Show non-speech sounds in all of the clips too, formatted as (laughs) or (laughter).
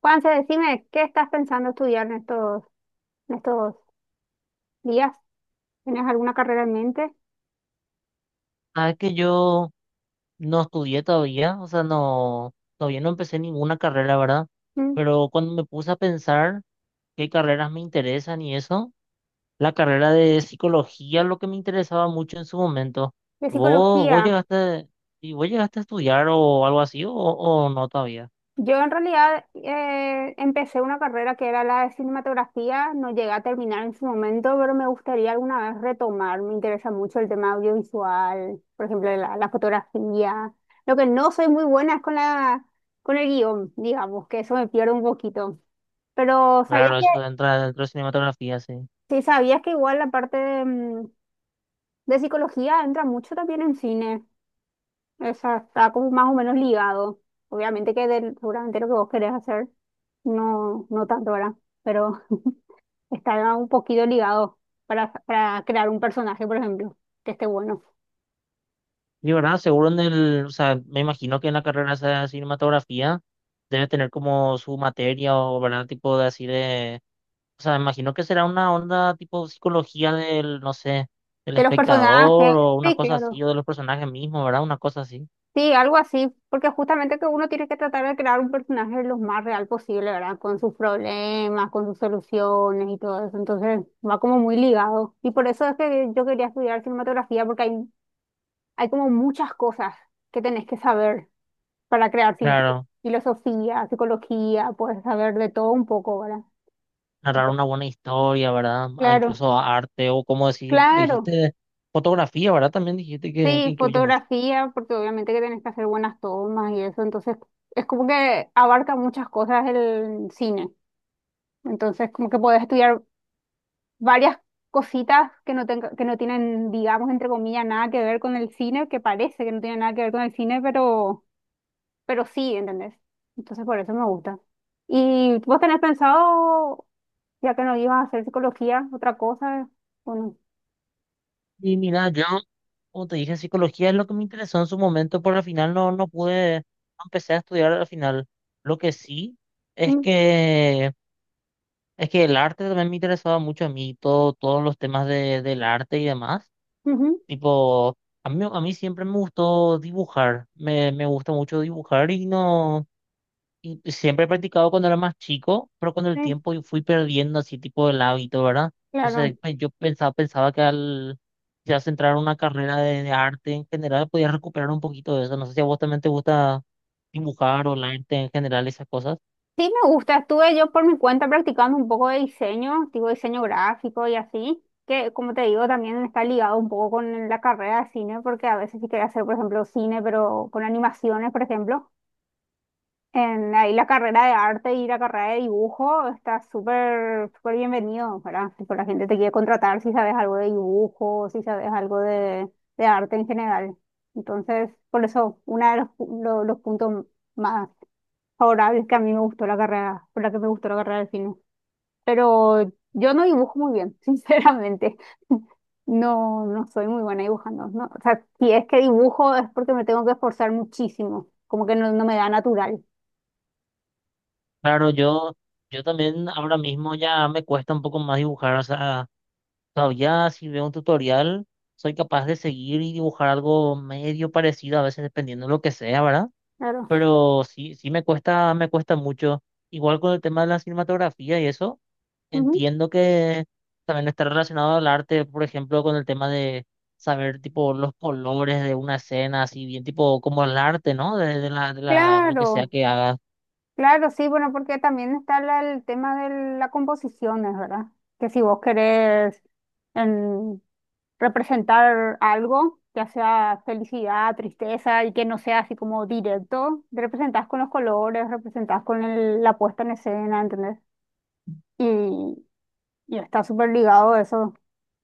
Juanse, decime, ¿qué estás pensando estudiar en estos días? ¿Tienes alguna carrera en mente? Sabes que yo no estudié todavía, o sea, no, todavía no empecé ninguna carrera, ¿verdad? ¿Mm? Pero cuando me puse a pensar qué carreras me interesan y eso, la carrera de psicología es lo que me interesaba mucho en su momento. De ¿Vos, vos psicología. llegaste, vos llegaste a estudiar o algo así, o no todavía? Yo en realidad empecé una carrera que era la de cinematografía, no llegué a terminar en su momento, pero me gustaría alguna vez retomar. Me interesa mucho el tema audiovisual, por ejemplo, la fotografía. Lo que no soy muy buena es con la, con el guión, digamos, que eso me pierdo un poquito. Pero ¿sabías Claro, que, eso entra dentro de cinematografía, sí. sí, sabías que igual la parte de, de psicología entra mucho también en cine? Esa está como más o menos ligado. Obviamente que seguramente lo que vos querés hacer, no tanto, ¿verdad? Pero está un poquito ligado para crear un personaje, por ejemplo, que esté bueno. Y verdad, seguro en el, o sea, me imagino que en la carrera esa de cinematografía debe tener como su materia o, ¿verdad? Tipo de así de... O sea, me imagino que será una onda tipo psicología del, no sé, del De los personajes, espectador o una sí, cosa así, claro. o de los personajes mismos, ¿verdad? Una cosa así. Sí, algo así, porque justamente que uno tiene que tratar de crear un personaje lo más real posible, ¿verdad? Con sus problemas, con sus soluciones y todo eso. Entonces va como muy ligado. Y por eso es que yo quería estudiar cinematografía, porque hay como muchas cosas que tenés que saber para crear cine. Tipo Claro, filosofía, psicología, puedes saber de todo un poco, ¿verdad? narrar una buena historia, ¿verdad? Ah, Claro, incluso arte o como decir, pues, claro. dijiste fotografía, ¿verdad? También dijiste que Sí, incluye mucho. fotografía, porque obviamente que tenés que hacer buenas tomas y eso. Entonces, es como que abarca muchas cosas el cine. Entonces, como que podés estudiar varias cositas que no tienen, digamos, entre comillas, nada que ver con el cine, que parece que no tiene nada que ver con el cine, pero sí, ¿entendés? Entonces por eso me gusta. ¿Y vos tenés pensado, ya que no ibas a hacer psicología, otra cosa? ¿O no? Y mira, yo, como te dije, psicología es lo que me interesó en su momento, pero al final no, no pude, no empecé a estudiar al final. Lo que sí es Mm, es que el arte también me interesaba mucho a mí, todo, todos los temas de, del arte y demás. ujú, Tipo, a mí siempre me gustó dibujar, me gusta mucho dibujar y no, y siempre he practicado cuando era más chico, pero con el sí, tiempo y fui perdiendo así tipo el hábito, ¿verdad? Entonces claro. pues, yo pensaba, pensaba que al ya centrar una carrera de arte en general podía recuperar un poquito de eso. No sé si a vos también te gusta dibujar o el arte en general, esas cosas. Sí, me gusta. Estuve yo por mi cuenta practicando un poco de diseño, tipo diseño gráfico y así, que como te digo, también está ligado un poco con la carrera de cine, porque a veces sí quería hacer, por ejemplo, cine, pero con animaciones, por ejemplo. En ahí la carrera de arte y la carrera de dibujo está súper súper bienvenido, ¿verdad? Tipo, la gente te quiere contratar si sabes algo de dibujo, si sabes algo de arte en general. Entonces, por eso, uno de los puntos más favorables que a mí me gustó la carrera, por la que me gustó la carrera de cine. Pero yo no dibujo muy bien, (laughs) sinceramente. No soy muy buena dibujando, ¿no? O sea, si es que dibujo es porque me tengo que esforzar muchísimo, como que no me da natural. Claro, yo también ahora mismo ya me cuesta un poco más dibujar, o sea. O sea, ya si veo un tutorial, soy capaz de seguir y dibujar algo medio parecido, a veces dependiendo de lo que sea, ¿verdad? Claro. Pero sí, sí me cuesta mucho. Igual con el tema de la cinematografía y eso, entiendo que también está relacionado al arte, por ejemplo, con el tema de saber tipo los colores de una escena, así bien tipo como el arte, ¿no? Lo que sea Claro, que hagas. claro, sí, bueno, porque también está el tema de la composición, es verdad. Que si vos querés em, representar algo, ya sea felicidad, tristeza, y que no sea así como directo, representás con los colores, representás con la puesta en escena, ¿entendés? Y, y está súper ligado eso,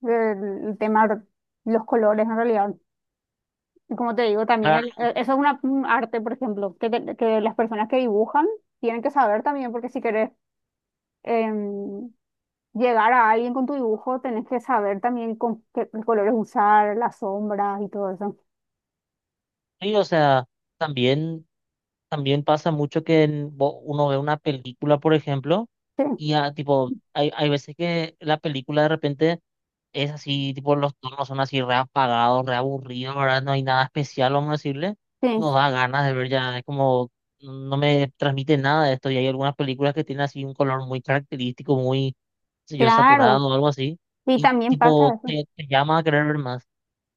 el el tema de los colores en realidad. Y como te digo, también Claro, eso es una, un arte, por ejemplo, que, que las personas que dibujan tienen que saber también, porque si querés em, llegar a alguien con tu dibujo, tenés que saber también con qué colores usar, las sombras y todo eso. sí, o sea, también, también pasa mucho que uno ve una película, por ejemplo. Sí, Y ya, tipo, hay veces que la película de repente es así, tipo, los tonos son así re apagados, re aburridos, ¿verdad? No hay nada especial, vamos a decirle. Nos sí, da ganas de ver ya, es como, no me transmite nada de esto. Y hay algunas películas que tienen así un color muy característico, muy, qué sé yo, claro. saturado o algo así. Y Y también pasa tipo, eso. Te llama a querer ver más.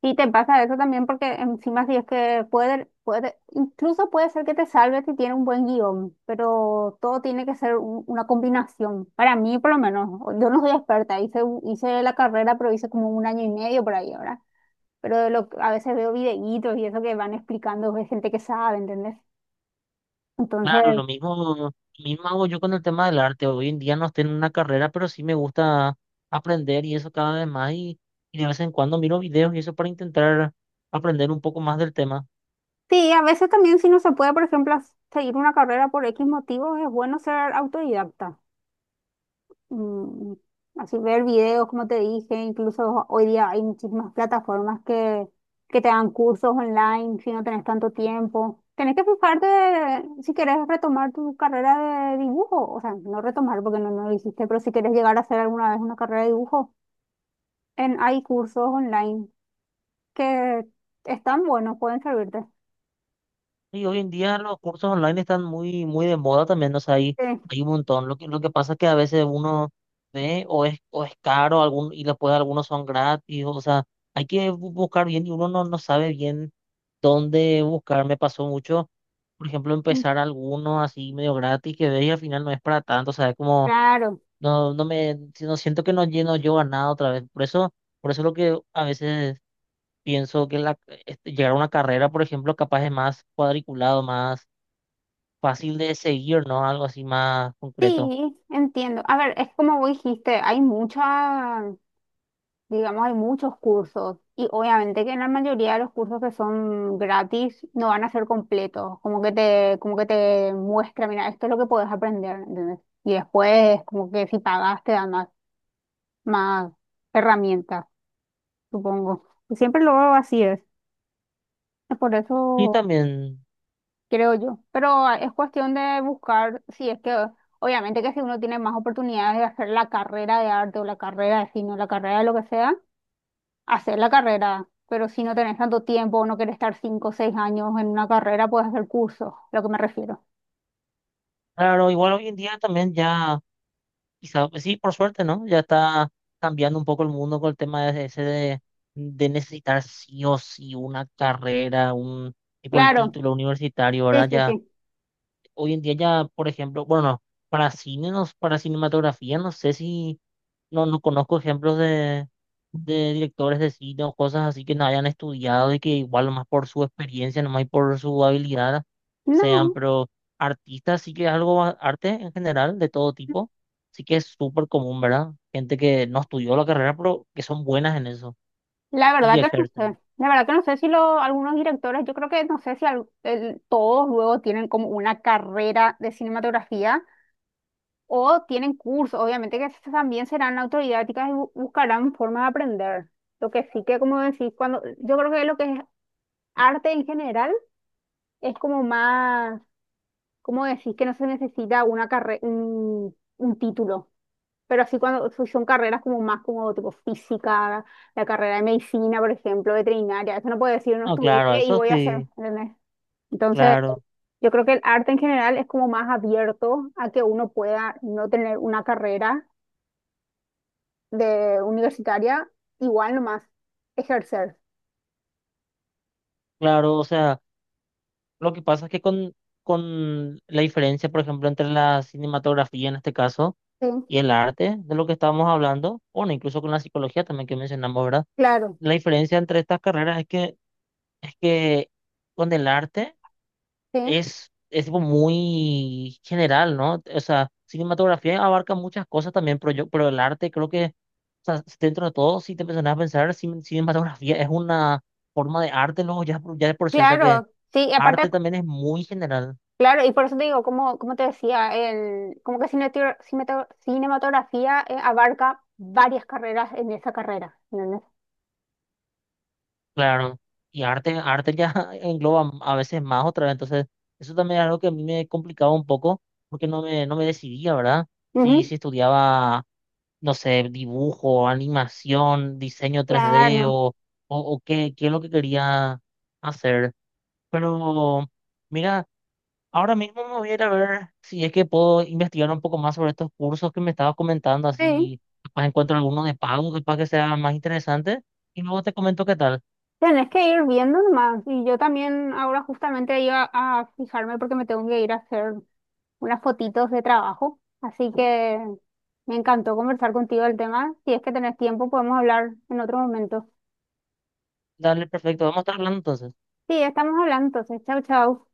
Y te pasa eso también porque encima si es que incluso puede ser que te salve si tiene un buen guión, pero todo tiene que ser una combinación. Para mí, por lo menos, yo no soy experta, hice la carrera, pero hice como un año y medio por ahí ahora. Pero de lo, a veces veo videitos y eso que van explicando de gente que sabe, ¿entendés? Claro, Entonces, lo mismo hago yo con el tema del arte. Hoy en día no estoy en una carrera, pero sí me gusta aprender y eso cada vez más. Y de vez en cuando miro videos y eso para intentar aprender un poco más del tema. sí, a veces también si no se puede, por ejemplo, seguir una carrera por X motivo, es bueno ser autodidacta. Mm, así ver videos, como te dije, incluso hoy día hay muchísimas plataformas que te dan cursos online si no tenés tanto tiempo. Tenés que fijarte si querés retomar tu carrera de dibujo, o sea, no retomar porque no lo hiciste, pero si querés llegar a hacer alguna vez una carrera de dibujo, hay cursos online que están buenos, pueden servirte. Y hoy en día los cursos online están muy, muy de moda también. O sea, hay, Sí, hay un montón. Lo que pasa es que a veces uno ve o es caro algún, y después algunos son gratis. O sea, hay que buscar bien y uno no, no sabe bien dónde buscar. Me pasó mucho, por ejemplo, mm, empezar alguno así medio gratis que ves y al final no es para tanto, o sea, es como, claro. no, no me, si no siento que no lleno yo a nada otra vez. Por eso lo que a veces pienso que la, este, llegar a una carrera, por ejemplo, capaz es más cuadriculado, más fácil de seguir, ¿no? Algo así más concreto. Sí, entiendo. A ver, es como vos dijiste, hay muchas digamos, hay muchos cursos y obviamente que en la mayoría de los cursos que son gratis no van a ser completos, como que como que te muestra, mira, esto es lo que puedes aprender, ¿entendés? Y después, como que si pagas, te dan más herramientas, supongo. Y siempre lo veo así es por Y eso también, creo yo. Pero ah, es cuestión de buscar si es que, obviamente que si uno tiene más oportunidades de hacer la carrera de arte o la carrera de cine o la carrera de lo que sea, hacer la carrera, pero si no tenés tanto tiempo o no querés estar cinco o seis años en una carrera, puedes hacer cursos, lo que me refiero. claro, igual hoy en día también ya... Quizá, pues sí, por suerte, ¿no? Ya está cambiando un poco el mundo con el tema de ese de necesitar sí o sí una carrera, un tipo el Claro, título universitario, sí, ¿verdad? sí, Ya, sí. hoy en día ya, por ejemplo, bueno, no, para cine, no, para cinematografía, no sé si, no, no conozco ejemplos de directores de cine o cosas así que no hayan estudiado y que igual más por su experiencia, nomás y por su habilidad sean, No, pero artistas sí que es algo, arte en general, de todo tipo, sí que es súper común, ¿verdad? Gente que no estudió la carrera, pero que son buenas en eso la y verdad que no ejercen. sé. La verdad que no sé si algunos directores, yo creo que no sé si todos luego tienen como una carrera de cinematografía o tienen cursos. Obviamente que esas también serán autodidácticas y buscarán formas de aprender. Lo que sí que, como decís, cuando yo creo que lo que es arte en general es como más. ¿Cómo decís que no se necesita una carre un título? Pero así cuando son carreras como más como tipo física, la carrera de medicina, por ejemplo, veterinaria, eso no puede decir no No, claro, estudié y eso voy a hacer, sí, ¿entendés? Entonces, claro, yo creo que el arte en general es como más abierto a que uno pueda no tener una carrera de universitaria, igual nomás ejercer. claro, o sea, lo que pasa es que con la diferencia, por ejemplo, entre la cinematografía en este caso, Sí, y el arte de lo que estábamos hablando, bueno, incluso con la psicología también que mencionamos, ¿verdad? claro, La diferencia entre estas carreras es es que con el arte sí, es tipo muy general, ¿no? O sea, cinematografía abarca muchas cosas también, pero yo, pero el arte creo que, o sea, dentro de todo, si te empiezas a pensar, cinematografía es una forma de arte, luego ya, ya de por sí, o sea que claro, sí, y aparte arte también es muy general, claro, y por eso te digo, como, como te decía, el, como que cinematografía abarca varias carreras en esa carrera. ¿Entendés? claro. Y arte, arte ya (laughs) engloba a veces más otra vez, entonces eso también es algo que a mí me complicaba un poco porque no me, no me decidía, ¿verdad? si Ujú, si estudiaba... no sé, dibujo, animación, diseño 3D claro, o qué, qué es lo que quería hacer. Pero mira, ahora mismo me voy a ir a ver si es que puedo investigar un poco más sobre estos cursos que me estabas comentando, sí, así capaz encuentro alguno de pago, capaz que sea más interesante. Y luego te comento qué tal. tenés que ir viendo nomás. Y yo también ahora justamente iba a fijarme porque me tengo que ir a hacer unas fotitos de trabajo. Así que me encantó conversar contigo del tema. Si es que tenés tiempo, podemos hablar en otro momento. Dale, perfecto. Vamos a estar hablando entonces. Sí, estamos hablando entonces. Chau, chau.